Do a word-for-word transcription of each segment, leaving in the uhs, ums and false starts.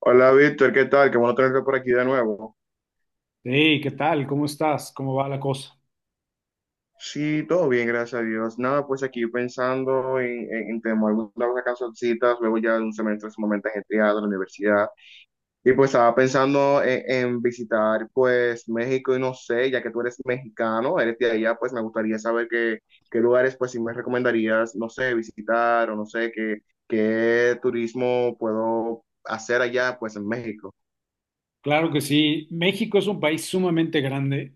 Hola Víctor, ¿qué tal? Qué bueno tenerte por aquí de nuevo. Hey, ¿qué tal? ¿Cómo estás? ¿Cómo va la cosa? Sí, todo bien, gracias a Dios. Nada, pues aquí pensando en, en, en tener algunas canzoncitas, luego ya de un semestre sumamente ajetreado en la universidad. Y pues estaba pensando en, en visitar pues México y no sé, ya que tú eres mexicano, eres de allá, pues me gustaría saber qué, qué lugares pues si me recomendarías, no sé, visitar o no sé, qué, qué turismo puedo hacer allá pues en México. Claro que sí. México es un país sumamente grande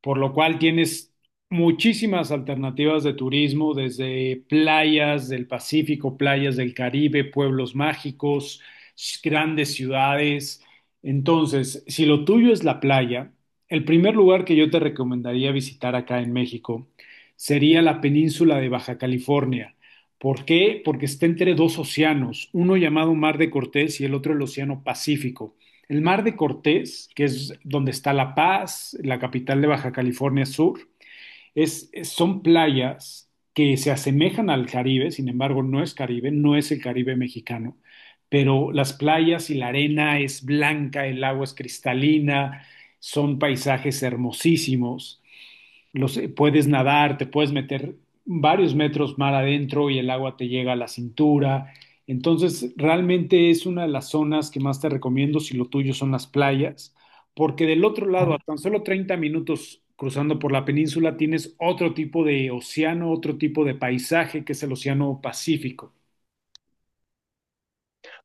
por lo cual tienes muchísimas alternativas de turismo, desde playas del Pacífico, playas del Caribe, pueblos mágicos, grandes ciudades. Entonces, si lo tuyo es la playa, el primer lugar que yo te recomendaría visitar acá en México sería la península de Baja California. ¿Por qué? Porque está entre dos océanos, uno llamado Mar de Cortés y el otro el Océano Pacífico. El Mar de Cortés, que es donde está La Paz, la capital de Baja California Sur, es, es- son playas que se asemejan al Caribe, sin embargo no es Caribe, no es el Caribe mexicano, pero las playas y la arena es blanca, el agua es cristalina, son paisajes hermosísimos los, puedes nadar, te puedes meter varios metros mar adentro y el agua te llega a la cintura. Entonces, realmente es una de las zonas que más te recomiendo si lo tuyo son las playas, porque del otro lado, a tan solo treinta minutos cruzando por la península, tienes otro tipo de océano, otro tipo de paisaje que es el océano Pacífico.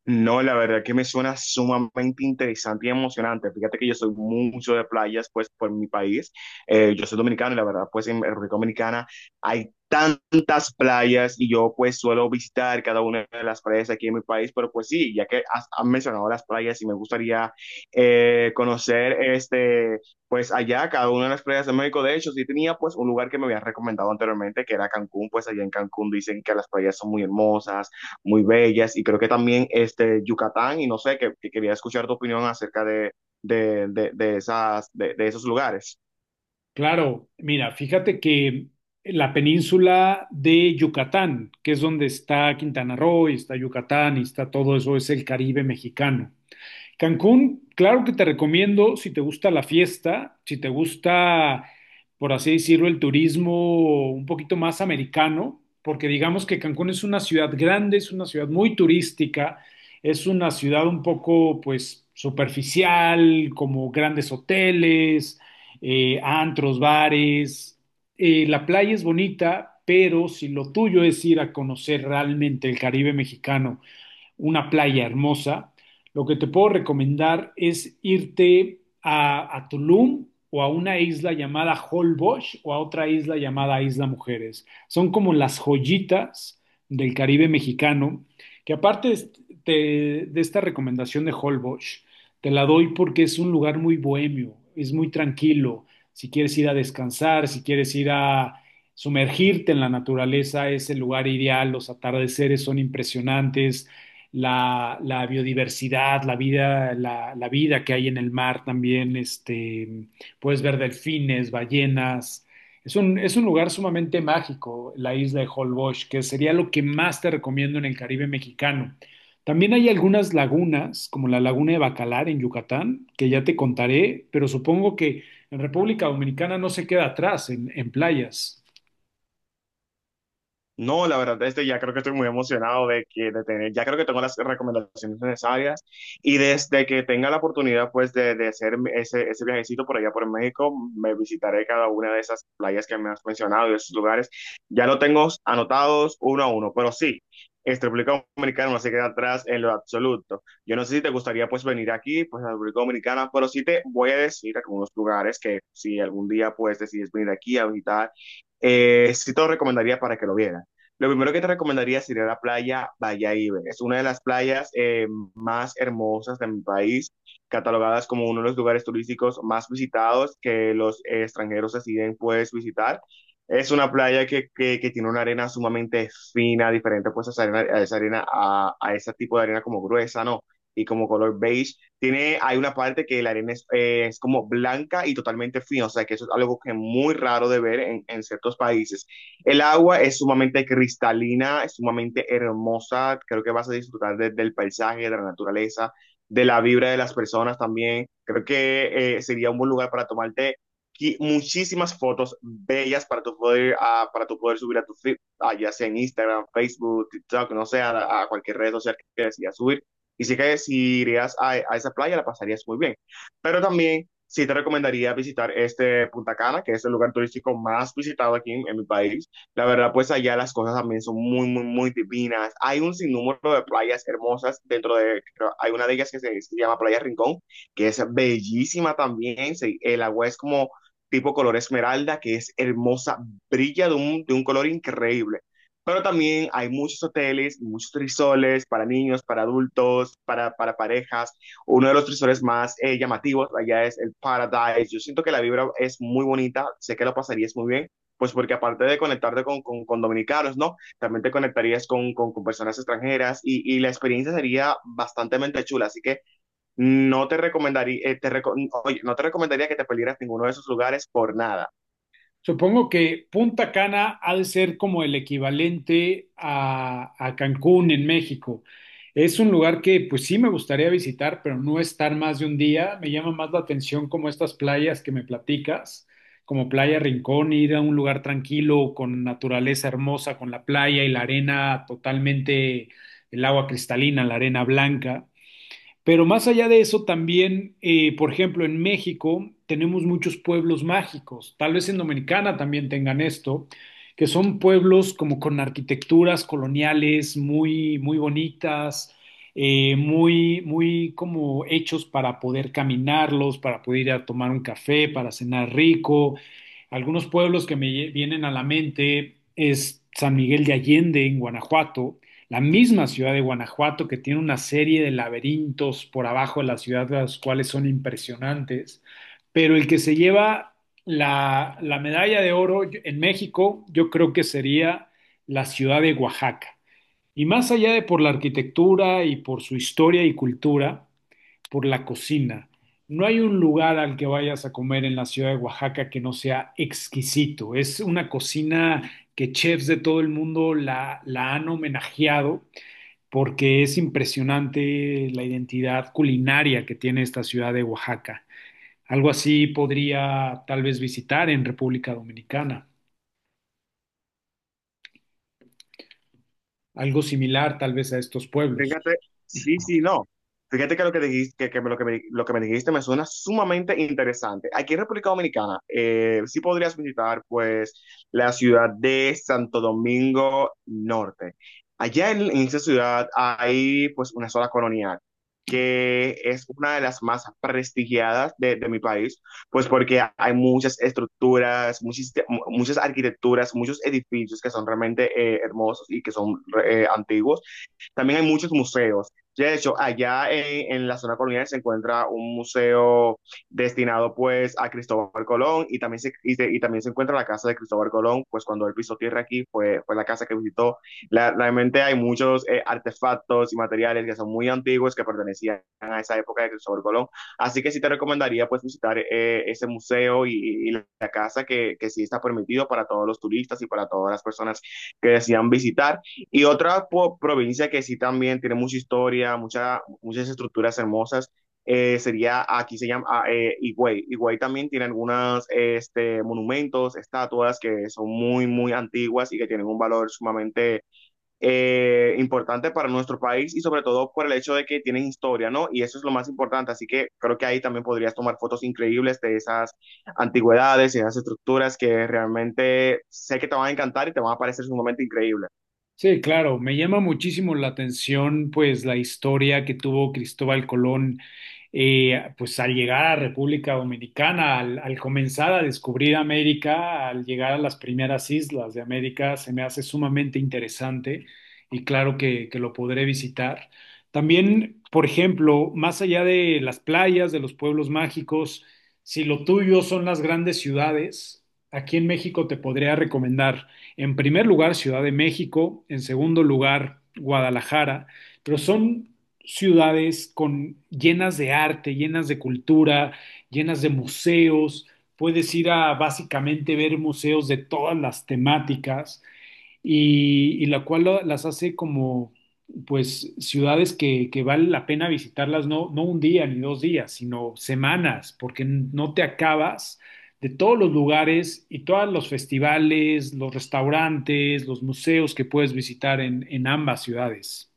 No, la verdad que me suena sumamente interesante y emocionante. Fíjate que yo soy mucho de playas, pues, por mi país. Eh, yo soy dominicano y la verdad, pues, en República Dominicana hay tantas playas y yo, pues, suelo visitar cada una de las playas aquí en mi país. Pero, pues, sí, ya que has, han mencionado las playas y me gustaría eh, conocer, este, pues, allá, cada una de las playas de México. De hecho, sí tenía, pues, un lugar que me habían recomendado anteriormente, que era Cancún. Pues, allá en Cancún dicen que las playas son muy hermosas, muy bellas, y creo que también este Yucatán y no sé, que, que quería escuchar tu opinión acerca de, de, de, de esas, de, de esos lugares. Claro, mira, fíjate que la península de Yucatán, que es donde está Quintana Roo y está Yucatán y está todo eso, es el Caribe mexicano. Cancún, claro que te recomiendo si te gusta la fiesta, si te gusta, por así decirlo, el turismo un poquito más americano, porque digamos que Cancún es una ciudad grande, es una ciudad muy turística, es una ciudad un poco, pues, superficial, como grandes hoteles, eh, antros, bares. Eh, la playa es bonita, pero si lo tuyo es ir a conocer realmente el Caribe mexicano, una playa hermosa, lo que te puedo recomendar es irte a, a Tulum o a una isla llamada Holbox o a otra isla llamada Isla Mujeres. Son como las joyitas del Caribe mexicano, que aparte de, de esta recomendación de Holbox, te la doy porque es un lugar muy bohemio, es muy tranquilo. Si quieres ir a descansar, si quieres ir a sumergirte en la naturaleza, es el lugar ideal. Los atardeceres son impresionantes, la, la biodiversidad, la vida, la, la, vida que hay en el mar también, este, puedes ver delfines, ballenas. Es un, es un lugar sumamente mágico, la isla de Holbox, que sería lo que más te recomiendo en el Caribe mexicano. También hay algunas lagunas, como la laguna de Bacalar en Yucatán, que ya te contaré, pero supongo que en República Dominicana no se queda atrás en, en playas. No, la verdad, este ya creo que estoy muy emocionado de que de tener, ya creo que tengo las recomendaciones necesarias y desde que tenga la oportunidad pues de, de hacer ese, ese viajecito por allá por México, me visitaré cada una de esas playas que me has mencionado y esos lugares. Ya lo tengo anotados uno a uno, pero sí, este República Dominicana no se queda atrás en lo absoluto. Yo no sé si te gustaría pues venir aquí, pues a la República Dominicana, pero sí te voy a decir algunos lugares que si algún día pues decides venir aquí a visitar, eh, sí te lo recomendaría para que lo vieras. Lo primero que te recomendaría sería la playa Bayahíbe. Es una de las playas eh, más hermosas de mi país, catalogadas como uno de los lugares turísticos más visitados que los eh, extranjeros deciden pues visitar. Es una playa que, que, que tiene una arena sumamente fina, diferente pues a esa arena, a esa arena, a, a ese tipo de arena como gruesa, ¿no? Y como color beige. Tiene, hay una parte que la arena es, eh, es como blanca y totalmente fina, o sea que eso es algo que es muy raro de ver en, en ciertos países. El agua es sumamente cristalina, es sumamente hermosa. Creo que vas a disfrutar de- del paisaje, de la naturaleza, de la vibra de las personas también. Creo que eh, sería un buen lugar para tomarte qui- muchísimas fotos bellas para tu poder, ah, para tu poder subir a tu feed, ah, ya sea en Instagram, Facebook, TikTok, no sé, a, a cualquier red social que decidas subir. Y sí que si irías a, a esa playa la pasarías muy bien. Pero también sí te recomendaría visitar este Punta Cana, que es el lugar turístico más visitado aquí en, en mi país. La verdad, pues allá las cosas también son muy, muy, muy divinas. Hay un sinnúmero de playas hermosas dentro de, creo- hay una de ellas que se, se llama Playa Rincón, que es bellísima también. Se- el agua es como tipo color esmeralda, que es hermosa, brilla de un, de un color increíble. Pero también hay muchos hoteles, muchos trisoles para niños, para adultos, para, para parejas. Uno de los trisoles más eh, llamativos allá es el Paradise. Yo siento que la vibra es muy bonita, sé que lo pasarías muy bien pues porque aparte de conectarte con, con, con dominicanos, ¿no? También te conectarías con, con, con personas extranjeras y, y, la experiencia sería bastante chula, así que no te recomendaría, eh, te reco oye, no te recomendaría que te perdieras ninguno de esos lugares por nada. Supongo que Punta Cana ha de ser como el equivalente a, a Cancún en México. Es un lugar que pues sí me gustaría visitar, pero no estar más de un día. Me llama más la atención como estas playas que me platicas, como Playa Rincón, ir a un lugar tranquilo, con naturaleza hermosa, con la playa y la arena totalmente, el agua cristalina, la arena blanca. Pero más allá de eso, también, eh, por ejemplo, en México tenemos muchos pueblos mágicos, tal vez en Dominicana también tengan esto, que son pueblos como con arquitecturas coloniales muy, muy bonitas, eh, muy, muy como hechos para poder caminarlos, para poder ir a tomar un café, para cenar rico. Algunos pueblos que me vienen a la mente es San Miguel de Allende en Guanajuato, la misma ciudad de Guanajuato, que tiene una serie de laberintos por abajo de la ciudad, los cuales son impresionantes, pero el que se lleva la, la medalla de oro en México, yo creo que sería la ciudad de Oaxaca. Y más allá de por la arquitectura y por su historia y cultura, por la cocina. No hay un lugar al que vayas a comer en la ciudad de Oaxaca que no sea exquisito. Es una cocina que chefs de todo el mundo la, la han homenajeado porque es impresionante la identidad culinaria que tiene esta ciudad de Oaxaca. Algo así podría tal vez visitar en República Dominicana, algo similar tal vez a estos pueblos. Fíjate, sí, sí, no. Fíjate que lo que dijiste, que, que lo que me, lo que me dijiste me suena sumamente interesante. Aquí en República Dominicana, eh, sí podrías visitar, pues, la ciudad de Santo Domingo Norte. Allá en, en esa ciudad hay, pues, una zona colonial, que es una de las más prestigiadas de, de mi país, pues, porque hay muchas estructuras, muchas, muchas arquitecturas, muchos edificios que son realmente eh, hermosos y que son eh, antiguos. También hay muchos museos. De hecho, allá en, en, la zona colonial se encuentra un museo destinado pues a Cristóbal Colón y también se, y, se, y también se encuentra la casa de Cristóbal Colón, pues cuando él pisó tierra aquí fue, fue la casa que visitó. La, realmente hay muchos eh, artefactos y materiales que son muy antiguos que pertenecían a esa época de Cristóbal Colón. Así que sí te recomendaría pues visitar eh, ese museo y, y, la casa que, que sí está permitido para todos los turistas y para todas las personas que desean visitar. Y otra po- provincia que sí también tiene mucha historia, mucha, muchas estructuras hermosas, eh, sería, aquí se llama ah, eh, Higüey. Higüey también tiene algunos este, monumentos, estatuas que son muy, muy antiguas y que tienen un valor sumamente eh, importante para nuestro país y sobre todo por el hecho de que tienen historia, ¿no? Y eso es lo más importante. Así que creo que ahí también podrías tomar fotos increíbles de esas antigüedades y esas estructuras que realmente sé que te van a encantar y te van a parecer sumamente increíbles. Sí, claro, me llama muchísimo la atención pues la historia que tuvo Cristóbal Colón eh, pues al llegar a República Dominicana, al, al comenzar a descubrir América, al llegar a las primeras islas de América, se me hace sumamente interesante y claro que, que lo podré visitar. También, por ejemplo, más allá de las playas, de los pueblos mágicos, si lo tuyo son las grandes ciudades, aquí en México te podría recomendar. En primer lugar, Ciudad de México, en segundo lugar, Guadalajara, pero son ciudades con, llenas de arte, llenas de cultura, llenas de museos. Puedes ir a básicamente ver museos de todas las temáticas y, y la cual lo- las hace como, pues, ciudades que, que vale la pena visitarlas, no, no un día ni dos días, sino semanas, porque no te acabas de todos los lugares y todos los festivales, los restaurantes, los museos que puedes visitar en, en ambas ciudades.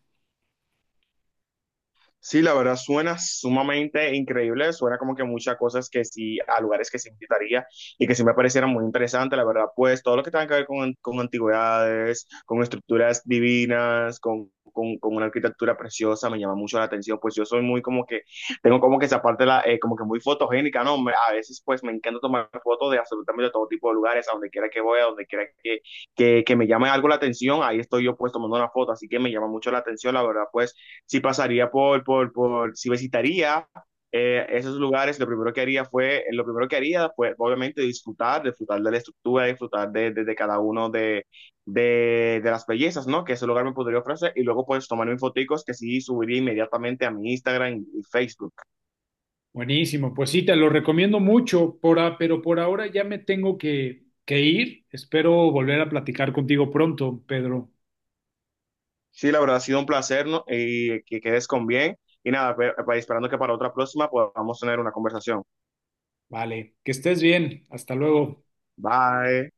Sí, la verdad suena sumamente increíble, suena como que muchas cosas que sí, a lugares que sí visitaría y que sí me parecieran muy interesantes, la verdad, pues todo lo que tenga que ver con, con antigüedades, con estructuras divinas, con, con, con una arquitectura preciosa, me llama mucho la atención, pues yo soy muy como que, tengo como que esa parte, la, eh, como que muy fotogénica, ¿no? Me- a veces pues me encanta tomar fotos de absolutamente todo tipo de lugares, a donde quiera que voy, a donde quiera que, que, que me llame algo la atención, ahí estoy yo pues tomando una foto, así que me llama mucho la atención, la verdad, pues si pasaría por, por, por si visitaría eh, esos lugares, lo primero que haría fue, eh, lo primero que haría fue obviamente disfrutar, disfrutar de la estructura, disfrutar de, de, de cada uno de, de, de, las bellezas, ¿no? Que ese lugar me podría ofrecer y luego pues tomar mis foticos que sí subiría inmediatamente a mi Instagram y Facebook. Buenísimo, pues sí, te lo recomiendo mucho, por a- pero por ahora ya me tengo que, que ir. Espero volver a platicar contigo pronto, Pedro. Sí, la verdad ha sido un placer, ¿no? Y que quedes con bien. Y nada, pe- pe- esperando que para otra próxima podamos tener una conversación. Vale, que estés bien. Hasta luego. Bye.